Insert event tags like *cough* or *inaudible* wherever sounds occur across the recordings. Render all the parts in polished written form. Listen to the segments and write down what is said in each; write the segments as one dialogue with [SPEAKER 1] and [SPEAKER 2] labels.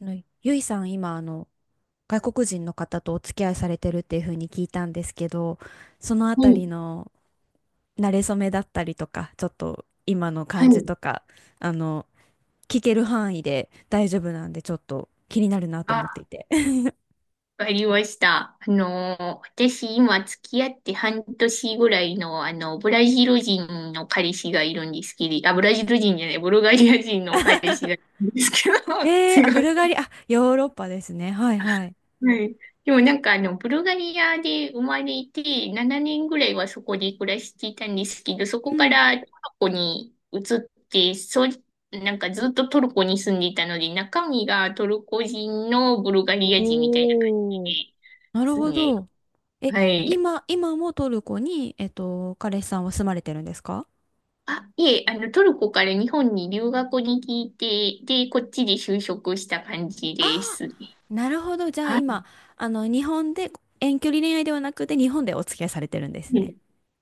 [SPEAKER 1] ゆいさん、今、外国人の方とお付き合いされてるっていうふうに聞いたんですけど、そのあ
[SPEAKER 2] は
[SPEAKER 1] たり
[SPEAKER 2] い、
[SPEAKER 1] の馴れ初めだったりとか、ちょっと今の
[SPEAKER 2] は
[SPEAKER 1] 感じ
[SPEAKER 2] い、
[SPEAKER 1] とか、あの、聞ける範囲で大丈夫なんで、ちょっと気になるなと思って
[SPEAKER 2] あ、
[SPEAKER 1] いて。*laughs*
[SPEAKER 2] わかりました。私今付き合って半年ぐらいの、ブラジル人の彼氏がいるんですけど、あ、ブラジル人じゃない、ブルガリア人の彼氏がいるんですけど、*laughs* す
[SPEAKER 1] あ、
[SPEAKER 2] ご
[SPEAKER 1] ブ
[SPEAKER 2] い。
[SPEAKER 1] ルガリア、あ、ヨーロッパですね。はいはい。
[SPEAKER 2] はい。でもなんかあの、ブルガリアで生まれて、7年ぐらいはそこで暮らしていたんですけど、そ
[SPEAKER 1] う
[SPEAKER 2] こか
[SPEAKER 1] ん。
[SPEAKER 2] らトルコに移って、そう、なんかずっとトルコに住んでいたので、中身がトルコ人のブルガリア人みたいな感
[SPEAKER 1] おー、
[SPEAKER 2] じで
[SPEAKER 1] なる
[SPEAKER 2] す
[SPEAKER 1] ほ
[SPEAKER 2] ね。
[SPEAKER 1] ど。え、
[SPEAKER 2] はい。
[SPEAKER 1] 今もトルコに、彼氏さんは住まれてるんですか？
[SPEAKER 2] あ、いえ、あの、トルコから日本に留学に来て、で、こっちで就職した感じですね。
[SPEAKER 1] なるほど。じゃあ
[SPEAKER 2] は
[SPEAKER 1] 今、日本で、遠距離恋愛ではなくて日本でお付き合いされてるんです
[SPEAKER 2] い。
[SPEAKER 1] ね。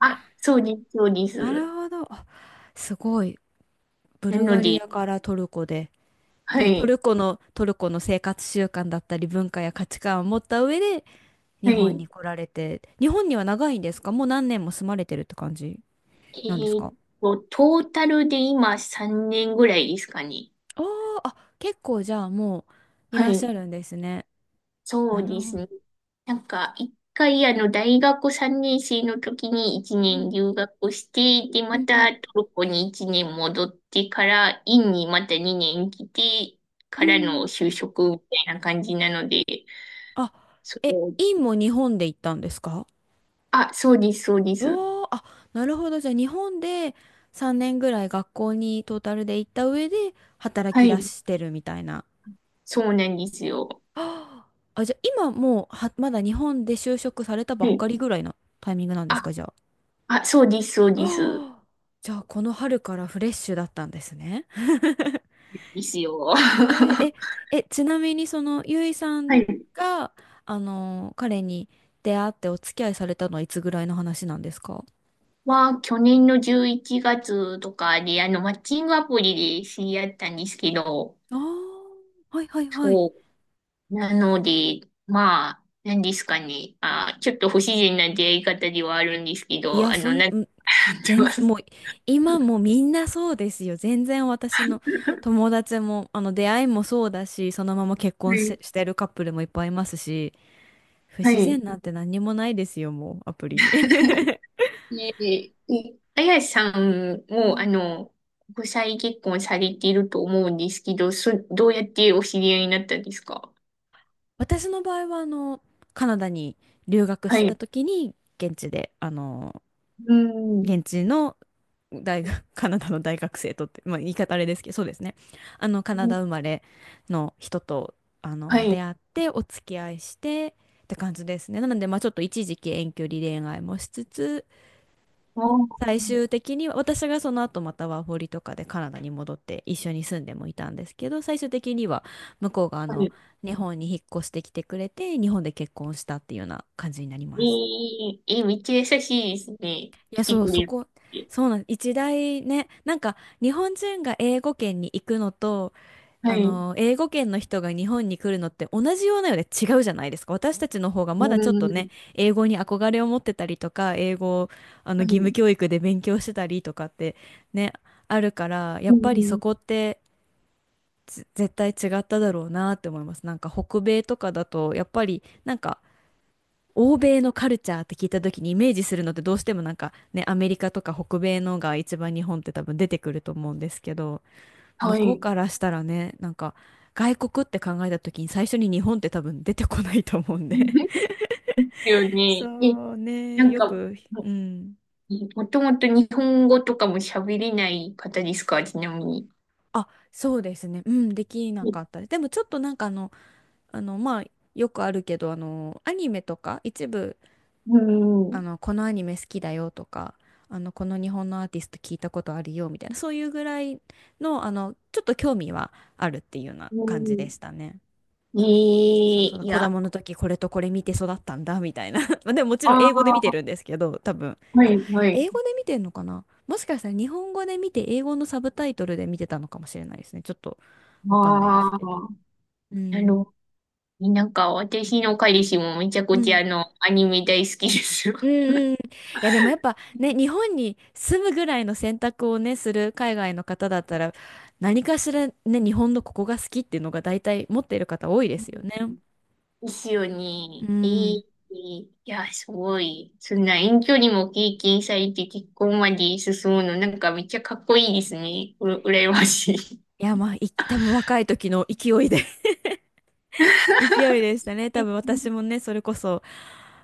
[SPEAKER 2] あ、そうです、そうで
[SPEAKER 1] な
[SPEAKER 2] す。
[SPEAKER 1] るほど。あ、すごい。ブ
[SPEAKER 2] な
[SPEAKER 1] ル
[SPEAKER 2] の
[SPEAKER 1] ガリ
[SPEAKER 2] で、
[SPEAKER 1] アからトルコで。
[SPEAKER 2] は
[SPEAKER 1] で、ト
[SPEAKER 2] い。
[SPEAKER 1] ルコの、トルコの生活習慣だったり文化や価値観を持った上で日
[SPEAKER 2] は
[SPEAKER 1] 本
[SPEAKER 2] い。
[SPEAKER 1] に来られて、日本には長いんですか？もう何年も住まれてるって感じ
[SPEAKER 2] え
[SPEAKER 1] なんです
[SPEAKER 2] ーっ
[SPEAKER 1] か？
[SPEAKER 2] トータルで今3年ぐらいですかね。
[SPEAKER 1] あー、あ、結構じゃあもうい
[SPEAKER 2] は
[SPEAKER 1] らっしゃ
[SPEAKER 2] い。
[SPEAKER 1] るんですね。
[SPEAKER 2] そう
[SPEAKER 1] なる
[SPEAKER 2] で
[SPEAKER 1] ほ
[SPEAKER 2] す
[SPEAKER 1] ど。
[SPEAKER 2] ね。なんか、一回あの、大学3年生の時に1
[SPEAKER 1] う
[SPEAKER 2] 年
[SPEAKER 1] ん、
[SPEAKER 2] 留学して、で、
[SPEAKER 1] う
[SPEAKER 2] ま
[SPEAKER 1] ん、うん。
[SPEAKER 2] たトルコに1年戻ってから、院にまた2年来て、
[SPEAKER 1] う
[SPEAKER 2] からの
[SPEAKER 1] ん。
[SPEAKER 2] 就職みたいな感じなので、
[SPEAKER 1] あ、
[SPEAKER 2] そ
[SPEAKER 1] え、
[SPEAKER 2] う、
[SPEAKER 1] インも日本で行ったんですか？
[SPEAKER 2] あ、そうです、そうです。
[SPEAKER 1] おー、あ、なるほど。じゃあ日本で3年ぐらい学校にトータルで行った上で働
[SPEAKER 2] は
[SPEAKER 1] き出
[SPEAKER 2] い。
[SPEAKER 1] してるみたいな。
[SPEAKER 2] そうなんですよ。
[SPEAKER 1] あー、あ、じゃあ今もうは、まだ日本で就職されたば
[SPEAKER 2] は
[SPEAKER 1] っ
[SPEAKER 2] い。
[SPEAKER 1] かりぐらいのタイミングなんです
[SPEAKER 2] あ、
[SPEAKER 1] か、じゃあ？
[SPEAKER 2] あ、そうです、そうです。
[SPEAKER 1] あー、じゃあこの春からフレッシュだったんですね。*laughs*
[SPEAKER 2] ですよ。
[SPEAKER 1] えー、
[SPEAKER 2] *laughs*
[SPEAKER 1] え、ちなみにそのゆいさん
[SPEAKER 2] はい。
[SPEAKER 1] が、彼に出会ってお付き合いされたのはいつぐらいの話なんですか？
[SPEAKER 2] は、去年の11月とかで、あの、マッチングアプリで知り合ったんですけど、
[SPEAKER 1] ああー、はいはいはい。
[SPEAKER 2] そう。なので、まあ、何ですかね。あ、ちょっと不自然な出会い方ではあるんですけ
[SPEAKER 1] い
[SPEAKER 2] ど、
[SPEAKER 1] や、
[SPEAKER 2] あ
[SPEAKER 1] そ
[SPEAKER 2] の、
[SPEAKER 1] ん、ん
[SPEAKER 2] なんか、*laughs* やってま
[SPEAKER 1] 全、
[SPEAKER 2] す。
[SPEAKER 1] もう、今もみんなそうですよ。全然私の友達も、出会いもそうだし、そのまま結
[SPEAKER 2] は
[SPEAKER 1] 婚し、
[SPEAKER 2] い。
[SPEAKER 1] してるカップルもいっぱいいますし、不
[SPEAKER 2] は
[SPEAKER 1] 自
[SPEAKER 2] い。
[SPEAKER 1] 然なんて何にもないですよ、もう、アプリに。*laughs*
[SPEAKER 2] ねえ、えあやさん
[SPEAKER 1] う
[SPEAKER 2] も、あ
[SPEAKER 1] ん。
[SPEAKER 2] の、国際結婚されていると思うんですけど、そ、どうやってお知り合いになったんですか？
[SPEAKER 1] 私の場合は、カナダに留学し
[SPEAKER 2] は
[SPEAKER 1] てた
[SPEAKER 2] い。
[SPEAKER 1] 時に、現地で、
[SPEAKER 2] うん。
[SPEAKER 1] 現地の大学、*laughs* カナダの大学生とって、まあ、言い方あれですけど、そうですね。カナダ生まれの人と、
[SPEAKER 2] は
[SPEAKER 1] 出
[SPEAKER 2] い。
[SPEAKER 1] 会って、お付き合いして、って感じですね。なので、まあ、ちょっと一時期遠距離恋愛もしつつ、
[SPEAKER 2] あ、
[SPEAKER 1] 最終的には、私がその後またワーホリとかでカナダに戻って一緒に住んでもいたんですけど、最終的には向こうが
[SPEAKER 2] はい。
[SPEAKER 1] 日本に引っ越してきてくれて、日本で結婚したっていうような感じになり
[SPEAKER 2] え
[SPEAKER 1] ます。
[SPEAKER 2] ー、え、めっちゃ優しいですね。
[SPEAKER 1] い
[SPEAKER 2] 来
[SPEAKER 1] や、
[SPEAKER 2] て
[SPEAKER 1] そう、
[SPEAKER 2] く
[SPEAKER 1] そ
[SPEAKER 2] れる
[SPEAKER 1] こ、
[SPEAKER 2] って。
[SPEAKER 1] そうなん、一大ね、なんか日本人が英語圏に行くのと、
[SPEAKER 2] はい。
[SPEAKER 1] 英語圏の人が日本に来るのって同じようなようで違うじゃないですか。私たちの方がま
[SPEAKER 2] う
[SPEAKER 1] だちょっとね、
[SPEAKER 2] ん。
[SPEAKER 1] 英語に憧れを持ってたりとか、英語を
[SPEAKER 2] は
[SPEAKER 1] 義
[SPEAKER 2] い。
[SPEAKER 1] 務教育で勉強してたりとかってね、あるから、や
[SPEAKER 2] う
[SPEAKER 1] っぱりそ
[SPEAKER 2] ん。
[SPEAKER 1] こって絶対違っただろうなって思います。なんか北米とかだと、やっぱりなんか欧米のカルチャーって聞いた時にイメージするのってどうしてもなんかね、アメリカとか北米のが一番日本って多分出てくると思うんですけど、向
[SPEAKER 2] は
[SPEAKER 1] こう
[SPEAKER 2] い。
[SPEAKER 1] からしたらね、なんか外国って考えた時に最初に日本って多分出てこないと思うんで。
[SPEAKER 2] ですよ
[SPEAKER 1] *laughs*
[SPEAKER 2] ね。え、
[SPEAKER 1] そう
[SPEAKER 2] な
[SPEAKER 1] ね、
[SPEAKER 2] ん
[SPEAKER 1] よ
[SPEAKER 2] か、
[SPEAKER 1] く、う
[SPEAKER 2] も、
[SPEAKER 1] ん。
[SPEAKER 2] もともと日本語とかも喋れない方ですか、ちなみに。
[SPEAKER 1] あ、そうですね。うん、できな
[SPEAKER 2] え、
[SPEAKER 1] かったです。でもちょっとなんかまあ、よくあるけど、アニメとか一部
[SPEAKER 2] うん。
[SPEAKER 1] このアニメ好きだよとか、この日本のアーティスト聞いたことあるよみたいな、そういうぐらいの、ちょっと興味はあるっていうような
[SPEAKER 2] う
[SPEAKER 1] 感じで
[SPEAKER 2] ん。
[SPEAKER 1] したね。
[SPEAKER 2] え
[SPEAKER 1] そ
[SPEAKER 2] え、
[SPEAKER 1] うそう、
[SPEAKER 2] い
[SPEAKER 1] 子
[SPEAKER 2] や、あ
[SPEAKER 1] 供の時これとこれ見て育ったんだみたいな。*laughs* まあでももちろん英語で見て
[SPEAKER 2] あ、
[SPEAKER 1] るんですけど、多分。
[SPEAKER 2] は
[SPEAKER 1] あ、
[SPEAKER 2] い、はい。
[SPEAKER 1] 英語で見てんのかな、もしかしたら日本語で見て英語のサブタイトルで見てたのかもしれないですね。ちょっとわかんないで
[SPEAKER 2] あ
[SPEAKER 1] すけど。
[SPEAKER 2] あ、
[SPEAKER 1] う
[SPEAKER 2] なる
[SPEAKER 1] ん。
[SPEAKER 2] ほど。なんか私の彼氏もめちゃく
[SPEAKER 1] う
[SPEAKER 2] ちゃ
[SPEAKER 1] ん。
[SPEAKER 2] あの、アニメ大好きですよ。
[SPEAKER 1] うん、うん。いやでもやっぱね、日本に住むぐらいの選択をね、する海外の方だったら、何かしらね、日本のここが好きっていうのが大体持っている方多いですよね。
[SPEAKER 2] *laughs* ですよね。い
[SPEAKER 1] うん。
[SPEAKER 2] い、いや、すごい。そんな遠距離も経験されて結婚まで進むの、なんかめっちゃかっこいいですね。うら、羨ましい。
[SPEAKER 1] いやまあ、多分若い時の勢いでし
[SPEAKER 2] *laughs*
[SPEAKER 1] たね。多分私もね、それこそ、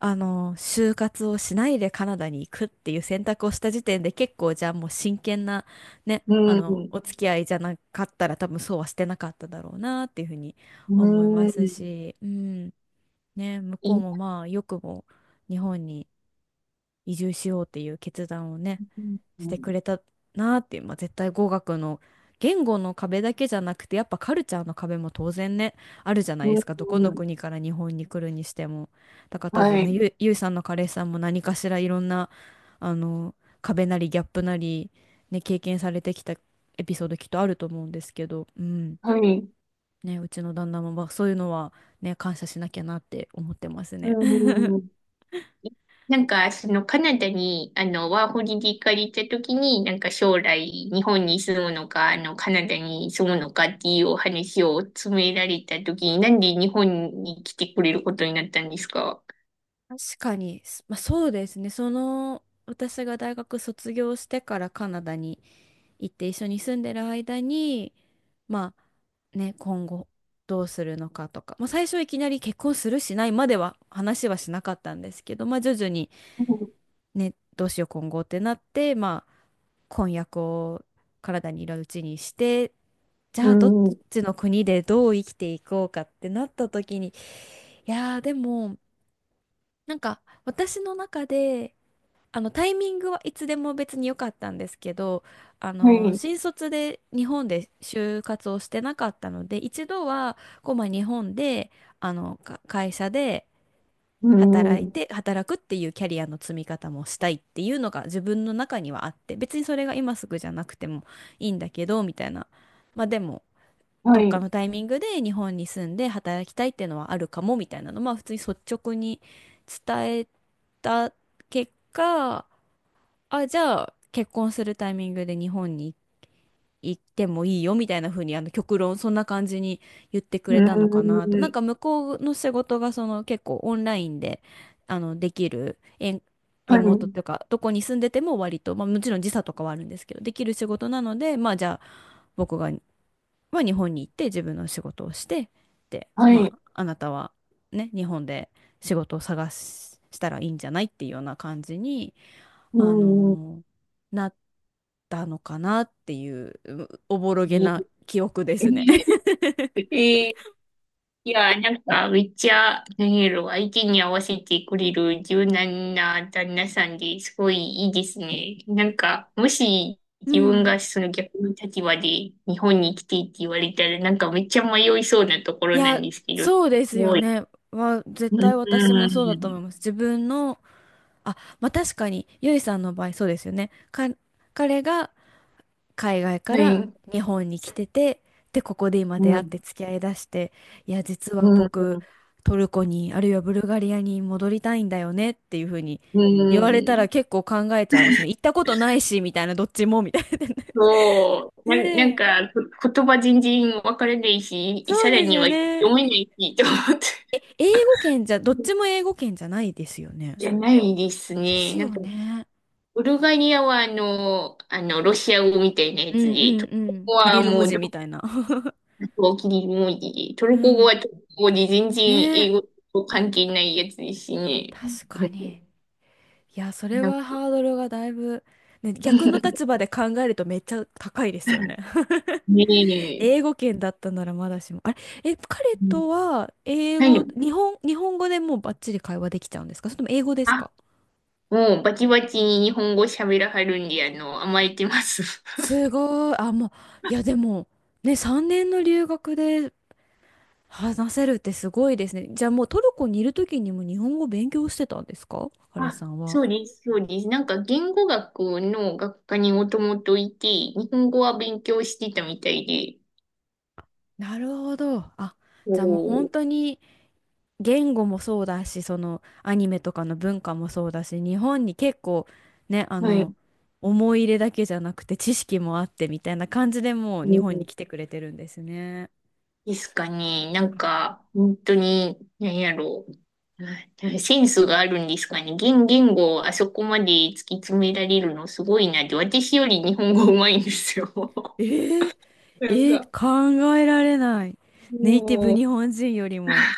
[SPEAKER 1] 就活をしないでカナダに行くっていう選択をした時点で結構じゃあもう真剣なね、
[SPEAKER 2] うん、
[SPEAKER 1] お付き合いじゃなかったら多分そうはしてなかっただろうなっていうふうに
[SPEAKER 2] う
[SPEAKER 1] 思います
[SPEAKER 2] ん、
[SPEAKER 1] し、うん。ね、向
[SPEAKER 2] い
[SPEAKER 1] こう
[SPEAKER 2] い、
[SPEAKER 1] もまあよくも日本に移住しようっていう決断をね、
[SPEAKER 2] うん、
[SPEAKER 1] してくれたなっていう、まあ、絶対語学の言語の壁だけじゃなくてやっぱカルチャーの壁も当然ねあるじゃない
[SPEAKER 2] う
[SPEAKER 1] で
[SPEAKER 2] ん、
[SPEAKER 1] すか。どこの
[SPEAKER 2] うん、
[SPEAKER 1] 国から日本に来るにしても。だから多
[SPEAKER 2] は
[SPEAKER 1] 分ね
[SPEAKER 2] い、
[SPEAKER 1] ゆいさんの彼氏さんも何かしらいろんなあの壁なりギャップなり、ね、経験されてきたエピソードきっとあると思うんですけど、うん。
[SPEAKER 2] はい、
[SPEAKER 1] ね、うちの旦那もまあそういうのは、ね、感謝しなきゃなって思ってます
[SPEAKER 2] う
[SPEAKER 1] ね。*laughs*
[SPEAKER 2] ん。なんか、そのカナダに、あの、ワーホリで行かれた時に、なんか将来、日本に住むのか、あの、カナダに住むのかっていうお話を詰められた時に、なんで日本に来てくれることになったんですか？
[SPEAKER 1] 確かに、まあ、そうですね。その、私が大学卒業してからカナダに行って一緒に住んでる間に、まあね、今後どうするのかとか、まあ、最初いきなり結婚するしないまでは話はしなかったんですけど、まあ、徐々にね、どうしよう今後ってなって、まあ、婚約を体にいるうちにして、じ
[SPEAKER 2] う
[SPEAKER 1] ゃあどっ
[SPEAKER 2] ん、うん、
[SPEAKER 1] ちの国でどう生きていこうかってなった時に、いやーでも、なんか私の中で、あのタイミングはいつでも別に良かったんですけど、
[SPEAKER 2] はい、
[SPEAKER 1] 新卒で日本で就活をしてなかったので、一度はこうまあ日本であのか会社で
[SPEAKER 2] う
[SPEAKER 1] 働い
[SPEAKER 2] ん、
[SPEAKER 1] て働くっていうキャリアの積み方もしたいっていうのが自分の中にはあって、別にそれが今すぐじゃなくてもいいんだけどみたいな。まあでも
[SPEAKER 2] は
[SPEAKER 1] どっか
[SPEAKER 2] い、
[SPEAKER 1] のタイミングで日本に住んで働きたいっていうのはあるかもみたいなのまあ普通に率直に伝えた結果。あ、じゃあ、結婚するタイミングで日本に行ってもいいよみたいな風に、極論、そんな感じに言ってく
[SPEAKER 2] う
[SPEAKER 1] れたのかなと。なん
[SPEAKER 2] ん、
[SPEAKER 1] か、向こうの仕事が、その、結構オンラインで、できる、リ
[SPEAKER 2] は
[SPEAKER 1] モート
[SPEAKER 2] い、
[SPEAKER 1] というか、どこに住んでても割と、まあ、もちろん時差とかはあるんですけど、できる仕事なので、まあ、じゃあ、僕が、まあ、日本に行って自分の仕事をして、で、
[SPEAKER 2] は
[SPEAKER 1] ま
[SPEAKER 2] い、
[SPEAKER 1] あ、あなたは、ね、日本で仕事をしたらいいんじゃないっていうような感じに、
[SPEAKER 2] う
[SPEAKER 1] あ
[SPEAKER 2] ん。
[SPEAKER 1] のーなったのかなっていう、おぼろ
[SPEAKER 2] え
[SPEAKER 1] げな
[SPEAKER 2] ー。
[SPEAKER 1] 記憶ですね。*laughs*
[SPEAKER 2] *laughs* え、いや、なんか、めっちゃ、なんやろ、相手に合わせてくれる柔軟な旦那さんですごいいいですね。なんか、もし
[SPEAKER 1] う
[SPEAKER 2] 自分
[SPEAKER 1] ん。
[SPEAKER 2] がその逆の立場で日本に来てって言われたら、なんかめっちゃ迷いそうなとこ
[SPEAKER 1] い
[SPEAKER 2] ろなん
[SPEAKER 1] や、
[SPEAKER 2] ですけど、す
[SPEAKER 1] そうですよ
[SPEAKER 2] ごい。
[SPEAKER 1] ね。絶
[SPEAKER 2] うん、う
[SPEAKER 1] 対私もそうだと思
[SPEAKER 2] ん、
[SPEAKER 1] います。自分の、あ、まあ確かに、ゆいさんの場合そうですよね。か、彼が海外か
[SPEAKER 2] は
[SPEAKER 1] ら
[SPEAKER 2] い、
[SPEAKER 1] 日本に来てて、で、ここで今出
[SPEAKER 2] う
[SPEAKER 1] 会って
[SPEAKER 2] ん、
[SPEAKER 1] 付き合いだして、いや、実
[SPEAKER 2] う
[SPEAKER 1] は
[SPEAKER 2] ん、
[SPEAKER 1] 僕、トルコに、あるいはブルガリアに戻りたいんだよねっていうふうに
[SPEAKER 2] う
[SPEAKER 1] 言われたら
[SPEAKER 2] ん。
[SPEAKER 1] 結構考えちゃいますね。行ったことないし、みたいな、どっちも、みたいな。
[SPEAKER 2] そ
[SPEAKER 1] *laughs*
[SPEAKER 2] う、な、な
[SPEAKER 1] ね
[SPEAKER 2] ん
[SPEAKER 1] え、
[SPEAKER 2] か、こ言葉全然わからないし、
[SPEAKER 1] そう
[SPEAKER 2] さら
[SPEAKER 1] です
[SPEAKER 2] に
[SPEAKER 1] よ
[SPEAKER 2] は
[SPEAKER 1] ね。
[SPEAKER 2] 読めないし、と思って。
[SPEAKER 1] え、英語圏じゃ、どっちも英語圏じゃないですよね。
[SPEAKER 2] じゃないです
[SPEAKER 1] です
[SPEAKER 2] ね。なん
[SPEAKER 1] よ
[SPEAKER 2] か、
[SPEAKER 1] ね。
[SPEAKER 2] ブルガリアはあの、あの、ロシア語みたいなや
[SPEAKER 1] う
[SPEAKER 2] つ
[SPEAKER 1] んう
[SPEAKER 2] で、
[SPEAKER 1] ん
[SPEAKER 2] トル
[SPEAKER 1] う
[SPEAKER 2] コ
[SPEAKER 1] ん。
[SPEAKER 2] 語
[SPEAKER 1] キ
[SPEAKER 2] は
[SPEAKER 1] リル
[SPEAKER 2] も
[SPEAKER 1] 文
[SPEAKER 2] う、
[SPEAKER 1] 字
[SPEAKER 2] ど
[SPEAKER 1] みたいな。*laughs*
[SPEAKER 2] こキリ文字で、ト
[SPEAKER 1] う
[SPEAKER 2] ルコ語
[SPEAKER 1] ん。
[SPEAKER 2] はトルコ語で全然
[SPEAKER 1] ね
[SPEAKER 2] 英
[SPEAKER 1] え、
[SPEAKER 2] 語と関係ないやつですしね。
[SPEAKER 1] 確
[SPEAKER 2] う
[SPEAKER 1] か
[SPEAKER 2] ん。
[SPEAKER 1] に。いや、それ
[SPEAKER 2] なんか。
[SPEAKER 1] はハードルがだいぶ、ね、逆の立
[SPEAKER 2] *laughs*
[SPEAKER 1] 場で考えるとめっちゃ高いですよね。
[SPEAKER 2] ね
[SPEAKER 1] *laughs*
[SPEAKER 2] え。
[SPEAKER 1] 英語圏だったならまだしも。あれ、え、彼
[SPEAKER 2] うん。
[SPEAKER 1] とは英
[SPEAKER 2] は
[SPEAKER 1] 語、
[SPEAKER 2] い。
[SPEAKER 1] 日本語でもうバッチリ会話できちゃうんですか？それとも英語ですか？
[SPEAKER 2] あ、もうバチバチに日本語喋らはるんで、あの、甘えてます。*laughs*
[SPEAKER 1] すごい。あ、もう、いや、でも、ね、3年の留学で話せるってすごいですね。じゃあもうトルコにいる時にも日本語勉強してたんですか、彼
[SPEAKER 2] あ、
[SPEAKER 1] さんは？
[SPEAKER 2] そうです、そうです。なんか言語学の学科にもともといて、日本語は勉強してたみたいで、
[SPEAKER 1] なるほど。あ、じゃあもう本
[SPEAKER 2] こ、
[SPEAKER 1] 当に言語もそうだし、そのアニメとかの文化もそうだし、日本に結構ね、あ
[SPEAKER 2] は
[SPEAKER 1] の、
[SPEAKER 2] い。
[SPEAKER 1] 思い入れだけじゃなくて知識もあってみたいな感じでもう
[SPEAKER 2] う
[SPEAKER 1] 日本に
[SPEAKER 2] ん、
[SPEAKER 1] 来てくれてるんですね。
[SPEAKER 2] ですかね。なんか、本当に、何やろう。なセンスがあるんですかね。言、言語をあそこまで突き詰められるのすごいなって。私より日本語上手いんですよ。
[SPEAKER 1] えー、
[SPEAKER 2] *laughs*
[SPEAKER 1] え
[SPEAKER 2] なん
[SPEAKER 1] ー
[SPEAKER 2] か、
[SPEAKER 1] 考えられない。ネイティブ
[SPEAKER 2] も
[SPEAKER 1] 日本人よりも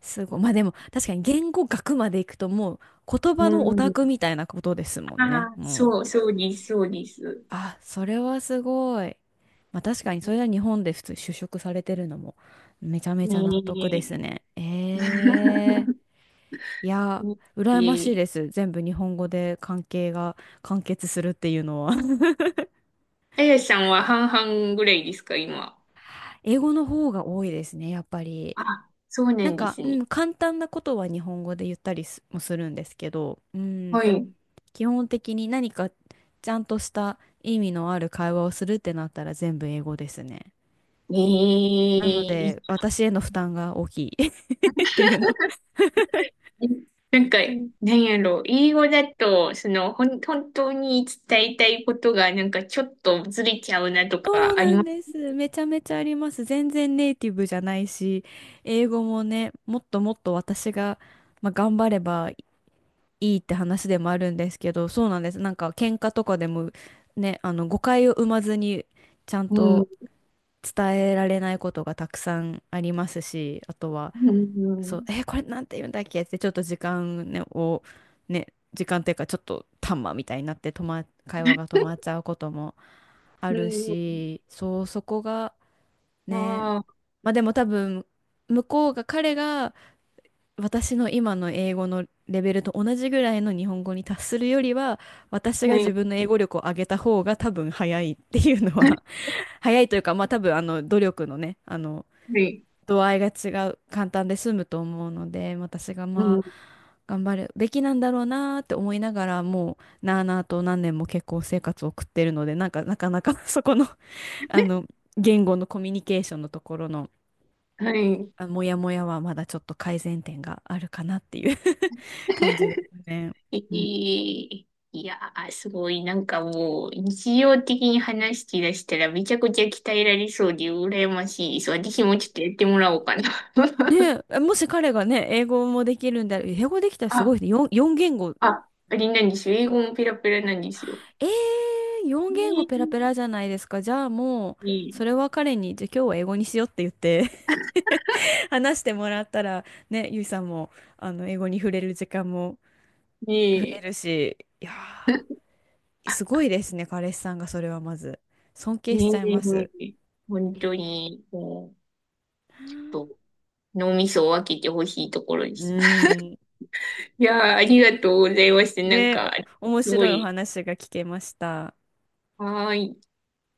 [SPEAKER 1] すごい。まあでも確かに言語学まで行くともう言
[SPEAKER 2] う、
[SPEAKER 1] 葉のオ
[SPEAKER 2] う
[SPEAKER 1] タク
[SPEAKER 2] ん。
[SPEAKER 1] みたいなことですも
[SPEAKER 2] あ
[SPEAKER 1] んね。
[SPEAKER 2] あ、
[SPEAKER 1] うん。
[SPEAKER 2] そう、そうです、そうです。
[SPEAKER 1] あ、それはすごい。まあ確かにそれは日本で普通就職されてるのもめちゃめ
[SPEAKER 2] ね
[SPEAKER 1] ちゃ納得です
[SPEAKER 2] え。
[SPEAKER 1] ね。ええ。いや、
[SPEAKER 2] え
[SPEAKER 1] 羨ましい
[SPEAKER 2] え。
[SPEAKER 1] です。全部日本語で関係が完結するっていうのは *laughs*
[SPEAKER 2] あやさんは半々ぐらいですか、今？
[SPEAKER 1] 英語の方が多いですね、やっぱり。
[SPEAKER 2] あ、そうな
[SPEAKER 1] なん
[SPEAKER 2] んで
[SPEAKER 1] か、
[SPEAKER 2] す
[SPEAKER 1] う
[SPEAKER 2] ね。
[SPEAKER 1] ん、簡単なことは日本語で言ったりすもするんですけど、うん、
[SPEAKER 2] はい。
[SPEAKER 1] 基本的に何かちゃんとした意味のある会話をするってなったら全部英語ですね。
[SPEAKER 2] ええ、
[SPEAKER 1] なの
[SPEAKER 2] い、
[SPEAKER 1] で、私への負担が大きい。っていうの。
[SPEAKER 2] なんか、なんやろう、英語だと、その、ほん、本当に伝えたいことが、なんかちょっとずれちゃうなと
[SPEAKER 1] そう
[SPEAKER 2] かあり
[SPEAKER 1] なん
[SPEAKER 2] ます。
[SPEAKER 1] です。めちゃめちゃあります。全然ネイティブじゃないし、英語もね、もっともっと私が、まあ、頑張ればいいって話でもあるんですけど、そうなんです。なんか喧嘩とかでもね、あの誤解を生まずにちゃん
[SPEAKER 2] う
[SPEAKER 1] と
[SPEAKER 2] ん。う
[SPEAKER 1] 伝えられないことがたくさんありますし、あとは、
[SPEAKER 2] ん。う
[SPEAKER 1] そう、
[SPEAKER 2] ん。
[SPEAKER 1] これなんて言うんだっけってちょっと時間ね、を、ね、時間っていうかちょっとタンマみたいになって会話が止まっちゃうこともあ
[SPEAKER 2] う
[SPEAKER 1] る
[SPEAKER 2] ん。
[SPEAKER 1] し、そう、そこがね、
[SPEAKER 2] ああ、
[SPEAKER 1] まあでも多分、向こうが、彼が私の今の英語のレベルと同じぐらいの日本語に達するよりは、私が
[SPEAKER 2] は
[SPEAKER 1] 自
[SPEAKER 2] い。
[SPEAKER 1] 分の英語力を上げた方が多分早いっていうのは
[SPEAKER 2] *laughs*
[SPEAKER 1] *laughs* 早いというか、まあ多分あの努力のね、あの
[SPEAKER 2] はい。
[SPEAKER 1] 度合いが違う、簡単で済むと思うので、私が
[SPEAKER 2] う
[SPEAKER 1] ま
[SPEAKER 2] ん。
[SPEAKER 1] あ頑張るべきなんだろうなーって思いながら、もうなあなあと何年も結構生活を送ってるので、なんかなかなか *laughs* そこのあ
[SPEAKER 2] *laughs*
[SPEAKER 1] の、言語のコミュニケーションのところの、
[SPEAKER 2] はい。
[SPEAKER 1] あ、モヤモヤはまだちょっと改善点があるかなっていう *laughs* 感じです
[SPEAKER 2] *laughs*
[SPEAKER 1] ね。
[SPEAKER 2] え
[SPEAKER 1] うん。
[SPEAKER 2] ー。いやー、すごい、なんかもう、日常的に話し出したらめちゃくちゃ鍛えられそうで羨ましいです。私もちょっとやってもらおうかな。
[SPEAKER 1] ね
[SPEAKER 2] *laughs*
[SPEAKER 1] え、もし彼がね、英語もできるんであれ、英語できたらすごい
[SPEAKER 2] あ、
[SPEAKER 1] ね。4、四言語。
[SPEAKER 2] あ、あれなんですよ。英語もペラペラなんですよ。
[SPEAKER 1] えー、4言
[SPEAKER 2] ね
[SPEAKER 1] 語ペラペラじゃないですか。じゃあもう、
[SPEAKER 2] え、
[SPEAKER 1] それ
[SPEAKER 2] ね
[SPEAKER 1] は彼に、じゃあ今日は英語にしようって言って *laughs* 話してもらったら、ね、ゆいさんも、あの、英語に触れる時間も増え
[SPEAKER 2] え、
[SPEAKER 1] るし、いやー、すごいですね、彼氏さんがそれはまず。尊敬
[SPEAKER 2] ね
[SPEAKER 1] しちゃいま
[SPEAKER 2] え、
[SPEAKER 1] す。
[SPEAKER 2] 本
[SPEAKER 1] いや、
[SPEAKER 2] 当に、もう、
[SPEAKER 1] な
[SPEAKER 2] と、
[SPEAKER 1] あ。
[SPEAKER 2] 脳みそを分けてほしいところで
[SPEAKER 1] う
[SPEAKER 2] す。*laughs*
[SPEAKER 1] ーん。
[SPEAKER 2] いやあ、ありがとうございました。なん
[SPEAKER 1] ね、
[SPEAKER 2] か、
[SPEAKER 1] 面
[SPEAKER 2] すご
[SPEAKER 1] 白いお
[SPEAKER 2] い、
[SPEAKER 1] 話が聞けました。
[SPEAKER 2] はーい。